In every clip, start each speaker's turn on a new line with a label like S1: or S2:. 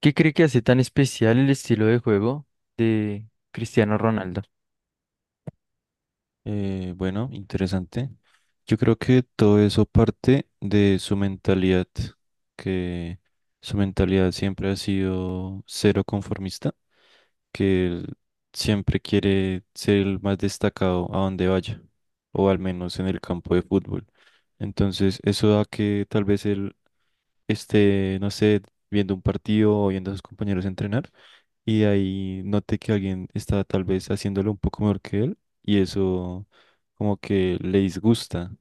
S1: ¿Qué cree que hace tan especial el estilo de juego de Cristiano Ronaldo?
S2: Bueno, Interesante. Yo creo que todo eso parte de su mentalidad, que su mentalidad siempre ha sido cero conformista, que él siempre quiere ser el más destacado a donde vaya, o al menos en el campo de fútbol. Entonces, eso da que tal vez él esté, no sé, viendo un partido o viendo a sus compañeros entrenar y de ahí noté que alguien estaba tal vez haciéndolo un poco mejor que él y eso como que le disgusta,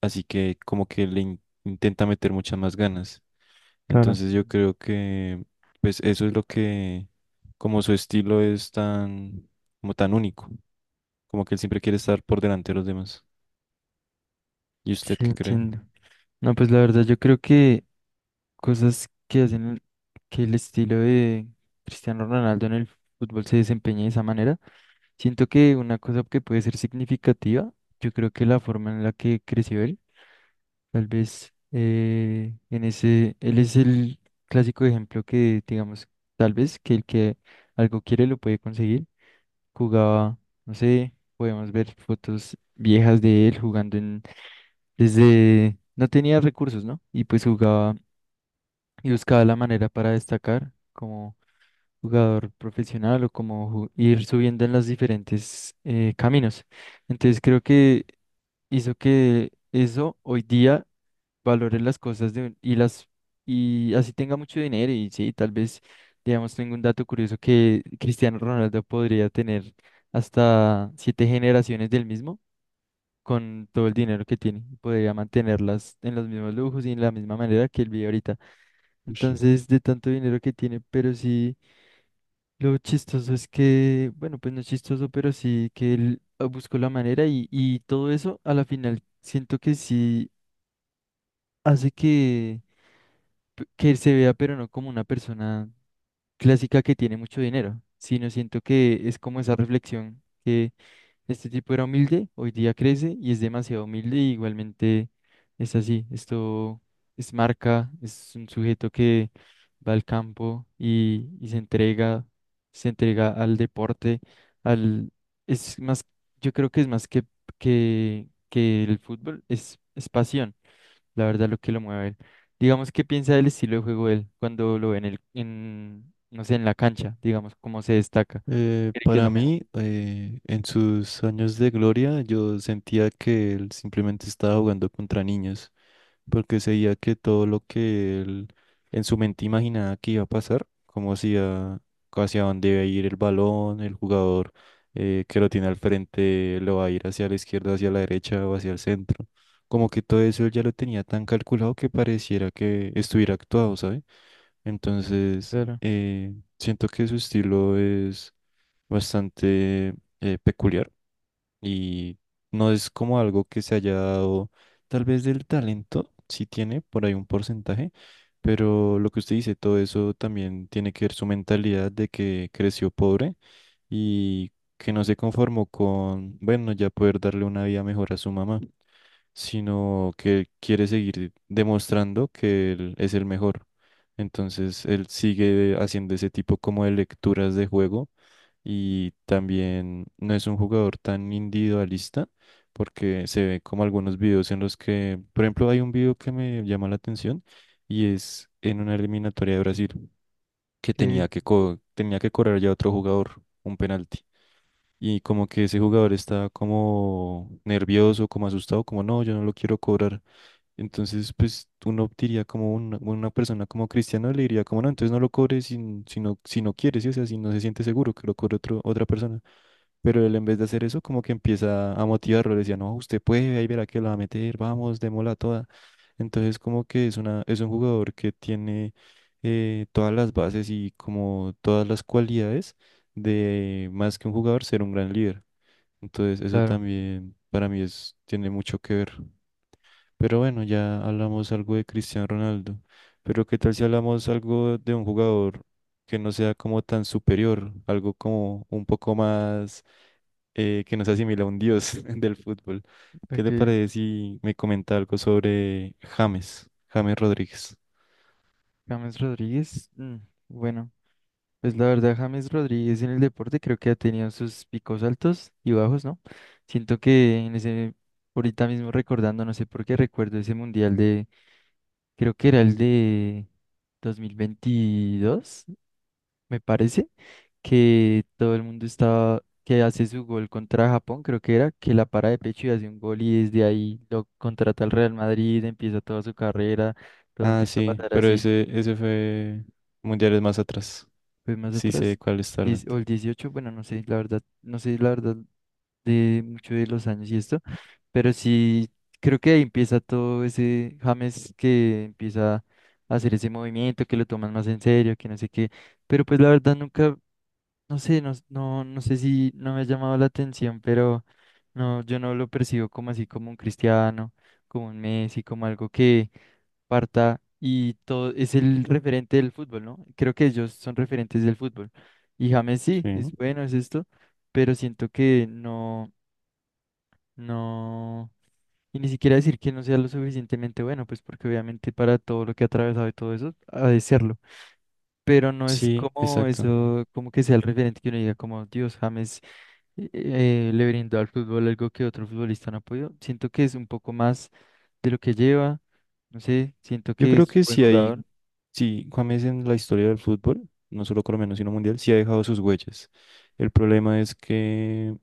S2: así que como que le intenta meter muchas más ganas.
S1: Claro.
S2: Entonces yo creo que pues eso es lo que como su estilo es tan como tan único, como que él siempre quiere estar por delante de los demás. ¿Y
S1: Sí,
S2: usted qué cree?
S1: entiendo. No, pues la verdad yo creo que cosas que hacen que el estilo de Cristiano Ronaldo en el fútbol se desempeñe de esa manera, siento que una cosa que puede ser significativa, yo creo que la forma en la que creció él, tal vez en ese, él es el clásico ejemplo que digamos, tal vez que el que algo quiere lo puede conseguir. Jugaba, no sé, podemos ver fotos viejas de él jugando en, desde, no tenía recursos, ¿no? Y pues jugaba y buscaba la manera para destacar como jugador profesional o como ir subiendo en los diferentes caminos. Entonces creo que hizo que eso hoy día valore las cosas de, y las y así tenga mucho dinero y sí, tal vez, digamos, tengo un dato curioso que Cristiano Ronaldo podría tener hasta siete generaciones del mismo con todo el dinero que tiene, podría mantenerlas en los mismos lujos y en la misma manera que él vive ahorita. Entonces, de tanto dinero que tiene, pero sí, lo chistoso es que, bueno, pues no es chistoso, pero sí que él buscó la manera y, todo eso a la final siento que sí hace que que se vea, pero no como una persona clásica que tiene mucho dinero, sino siento que es como esa reflexión que este tipo era humilde, hoy día crece y es demasiado humilde y igualmente es así, esto es marca, es un sujeto que va al campo y se entrega al deporte, al, es más, yo creo que es más que el fútbol, es pasión la verdad lo que lo mueve a él. Digamos, ¿qué piensa del estilo de juego de él cuando lo ve en el, en, no sé, en la cancha, digamos, cómo se destaca? ¿Cree que es
S2: Para
S1: lo mejor?
S2: mí, en sus años de gloria, yo sentía que él simplemente estaba jugando contra niños, porque seguía que todo lo que él en su mente imaginaba que iba a pasar, como hacía, hacia dónde iba a ir el balón, el jugador que lo tiene al frente lo va a ir hacia la izquierda, hacia la derecha o hacia el centro. Como que todo eso él ya lo tenía tan calculado que pareciera que estuviera actuado, ¿sabes? Entonces,
S1: Claro,
S2: siento que su estilo es bastante peculiar y no es como algo que se haya dado tal vez del talento, sí tiene por ahí un porcentaje, pero lo que usted dice, todo eso también tiene que ver su mentalidad de que creció pobre y que no se conformó con, bueno, ya poder darle una vida mejor a su mamá, sino que quiere seguir demostrando que él es el mejor. Entonces él sigue haciendo ese tipo como de lecturas de juego y también no es un jugador tan individualista porque se ve como algunos videos en los que, por ejemplo, hay un video que me llama la atención y es en una eliminatoria de Brasil que
S1: ok,
S2: tenía que, tenía que cobrar ya otro jugador un penalti. Y como que ese jugador estaba como nervioso, como asustado, como no, yo no lo quiero cobrar. Entonces, pues uno diría como una persona como Cristiano le diría como no, entonces no lo cobre si, si no, si no quiere, ¿sí? O sea, si no se siente seguro que lo cobre otro, otra persona. Pero él en vez de hacer eso, como que empieza a motivarlo, le decía, no, usted puede, ahí verá que lo va a meter, vamos, démosla toda. Entonces, como que es un jugador que tiene todas las bases y como todas las cualidades de más que un jugador ser un gran líder. Entonces, eso
S1: claro.
S2: también para mí es, tiene mucho que ver. Pero bueno, ya hablamos algo de Cristiano Ronaldo. Pero ¿qué tal si hablamos algo de un jugador que no sea como tan superior, algo como un poco más que nos asimila a un dios del fútbol? ¿Qué te
S1: Ok,
S2: parece si me comenta algo sobre James Rodríguez?
S1: James Rodríguez, bueno, pues la verdad, James Rodríguez en el deporte creo que ha tenido sus picos altos y bajos, ¿no? Siento que en ese, ahorita mismo recordando, no sé por qué recuerdo ese mundial de, creo que era el de 2022, me parece que todo el mundo estaba, que hace su gol contra Japón, creo que era, que la para de pecho y hace un gol y desde ahí lo contrata el Real Madrid, empieza toda su carrera, todo
S2: Ah,
S1: empieza a
S2: sí,
S1: pasar
S2: pero
S1: así.
S2: ese fue mundiales más atrás.
S1: Pues más
S2: Sí sé de
S1: atrás,
S2: cuál está hablando.
S1: o el 18, bueno, no sé, la verdad, no sé la verdad de mucho de los años y esto, pero sí creo que ahí empieza todo ese James que empieza a hacer ese movimiento, que lo toman más en serio, que no sé qué, pero pues la verdad nunca no sé, no sé si no me ha llamado la atención, pero no, yo no lo percibo como así, como un cristiano, como un Messi, como algo que parta y todo es el referente del fútbol, ¿no? Creo que ellos son referentes del fútbol. Y James sí,
S2: Sí.
S1: es bueno, es esto, pero siento que no. No. Y ni siquiera decir que no sea lo suficientemente bueno, pues porque obviamente para todo lo que ha atravesado y todo eso, ha de serlo. Pero no es
S2: Sí,
S1: como
S2: exacto.
S1: eso, como que sea el referente que uno diga, como Dios, James le brindó al fútbol algo que otro futbolista no ha podido. Siento que es un poco más de lo que lleva, no sé, siento
S2: Yo
S1: que
S2: creo
S1: es
S2: que
S1: buen
S2: si hay,
S1: jugador.
S2: si James en la historia del fútbol, no solo colombiano, sino mundial, sí ha dejado sus huellas. El problema es que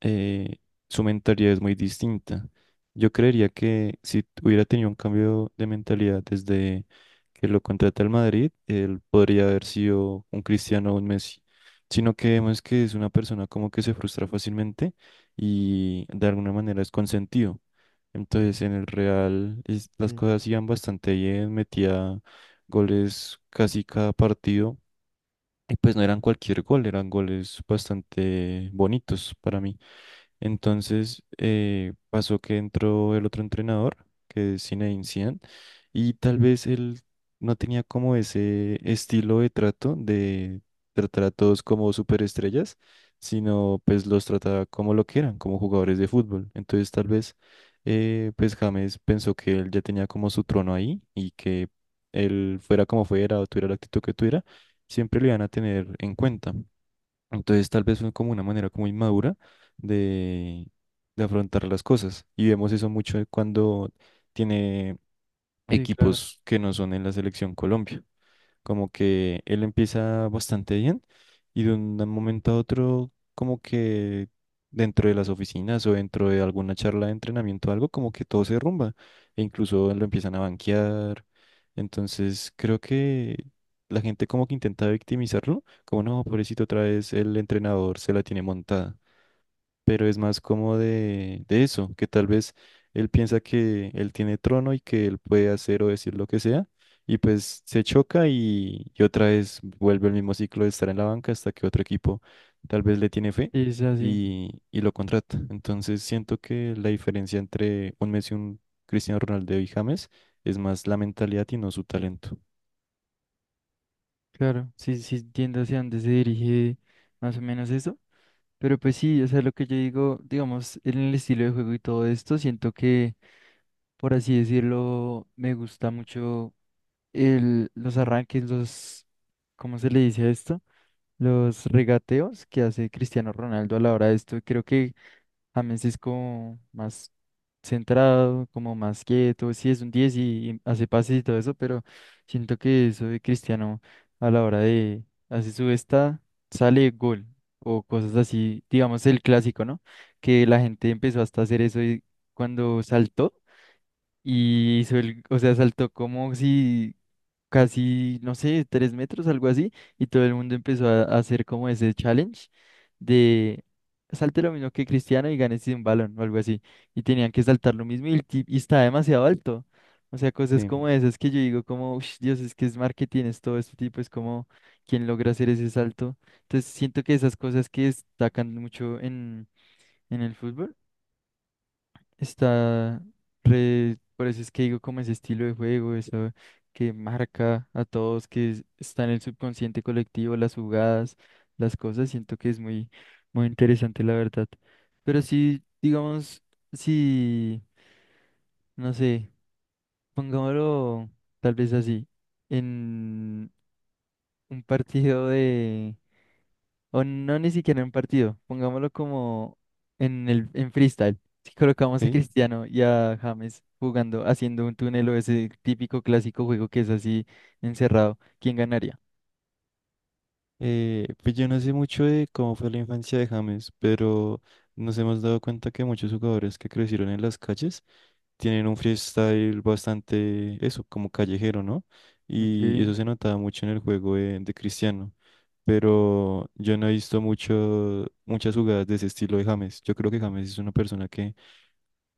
S2: eh, su mentalidad es muy distinta. Yo creería que si hubiera tenido un cambio de mentalidad desde que lo contrata el Madrid, él podría haber sido un Cristiano o un Messi. Sino que vemos que es una persona como que se frustra fácilmente y de alguna manera es consentido. Entonces en el Real las
S1: Sí,
S2: cosas iban bastante bien, metía goles casi cada partido y pues no eran cualquier gol, eran goles bastante bonitos para mí. Entonces pasó que entró el otro entrenador, que es Zinedine Zidane, y tal vez él no tenía como ese estilo de trato de tratar a todos como superestrellas, sino pues los trataba como lo que eran, como jugadores de fútbol. Entonces tal vez pues James pensó que él ya tenía como su trono ahí y que él fuera como fuera o tuviera la actitud que tuviera, siempre lo iban a tener en cuenta. Entonces tal vez fue como una manera como inmadura de, de afrontar las cosas. Y vemos eso mucho cuando tiene
S1: sí, claro,
S2: equipos que no son en la selección Colombia. Como que él empieza bastante bien y de un momento a otro, como que dentro de las oficinas o dentro de alguna charla de entrenamiento o algo, como que todo se derrumba e incluso lo empiezan a banquear. Entonces creo que la gente como que intenta victimizarlo, como no, pobrecito, otra vez el entrenador se la tiene montada, pero es más como de eso, que tal vez él piensa que él tiene trono y que él puede hacer o decir lo que sea, y pues se choca y otra vez vuelve el mismo ciclo de estar en la banca hasta que otro equipo tal vez le tiene fe
S1: es así,
S2: y lo contrata. Entonces siento que la diferencia entre un Messi, un Cristiano Ronaldo y James es más la mentalidad y no su talento.
S1: claro, sí, sí, entiendo hacia dónde se dirige más o menos eso. Pero pues sí, o sea, lo que yo digo, digamos, en el estilo de juego y todo esto, siento que, por así decirlo, me gusta mucho el, los arranques, los, ¿cómo se le dice a esto? Los regateos que hace Cristiano Ronaldo a la hora de esto. Creo que James es como más centrado, como más quieto. Sí, es un 10 y hace pases y todo eso, pero siento que eso de Cristiano a la hora de hacer su esta, sale gol o cosas así, digamos el clásico, ¿no? Que la gente empezó hasta a hacer eso y cuando saltó y hizo el, o sea, saltó como si casi, no sé, tres metros, algo así, y todo el mundo empezó a hacer como ese challenge de salte lo mismo que Cristiano y ganes un balón o algo así, y tenían que saltar lo mismo y, y estaba demasiado alto. O sea, cosas
S2: Sí,
S1: como esas que yo digo como, "Ush, Dios, es que es marketing, es todo este tipo, es como quien logra hacer ese salto. Entonces siento que esas cosas que destacan mucho en el fútbol está por eso es que digo como ese estilo de juego, eso que marca a todos, está en el subconsciente colectivo, las jugadas, las cosas, siento que es muy, muy interesante la verdad. Pero sí, digamos, si, no sé, pongámoslo tal vez así, en un partido o no, ni siquiera en partido. Pongámoslo como en el en freestyle. Si colocamos a
S2: ok.
S1: Cristiano y a James jugando, haciendo un túnel o ese típico clásico juego que es así encerrado, ¿quién ganaría?
S2: Pues yo no sé mucho de cómo fue la infancia de James, pero nos hemos dado cuenta que muchos jugadores que crecieron en las calles tienen un freestyle bastante, eso, como callejero, ¿no?
S1: Ok,
S2: Y eso se notaba mucho en el juego de Cristiano, pero yo no he visto mucho, muchas jugadas de ese estilo de James. Yo creo que James es una persona que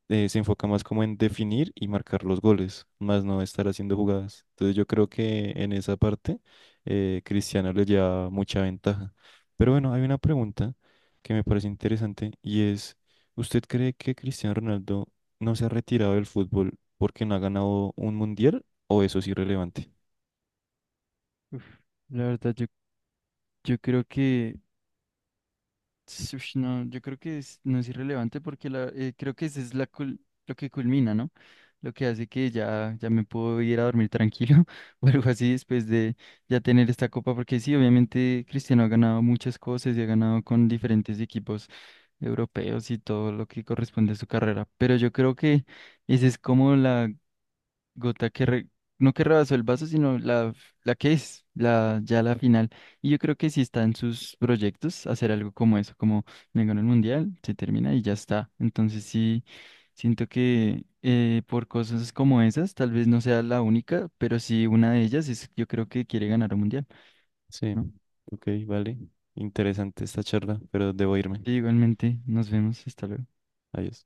S2: se enfoca más como en definir y marcar los goles, más no estar haciendo jugadas. Entonces yo creo que en esa parte Cristiano le lleva mucha ventaja. Pero bueno, hay una pregunta que me parece interesante y es, ¿usted cree que Cristiano Ronaldo no se ha retirado del fútbol porque no ha ganado un mundial o eso es irrelevante?
S1: uf, la verdad, yo creo que. Ush, no, yo creo que no es irrelevante porque la, creo que esa es la lo que culmina, ¿no? Lo que hace que ya, ya me puedo ir a dormir tranquilo o algo así después de ya tener esta copa, porque sí, obviamente Cristiano ha ganado muchas cosas y ha ganado con diferentes equipos europeos y todo lo que corresponde a su carrera, pero yo creo que esa es como la gota que no que rebasó el vaso, sino la, la que es, la, ya la final. Y yo creo que sí está en sus proyectos hacer algo como eso, como me ganó el mundial, se termina y ya está. Entonces sí, siento que por cosas como esas, tal vez no sea la única, pero sí una de ellas es, yo creo que quiere ganar un mundial,
S2: Sí,
S1: ¿no?
S2: ok, vale. Interesante esta charla, pero debo irme.
S1: Sí, igualmente, nos vemos, hasta luego.
S2: Adiós.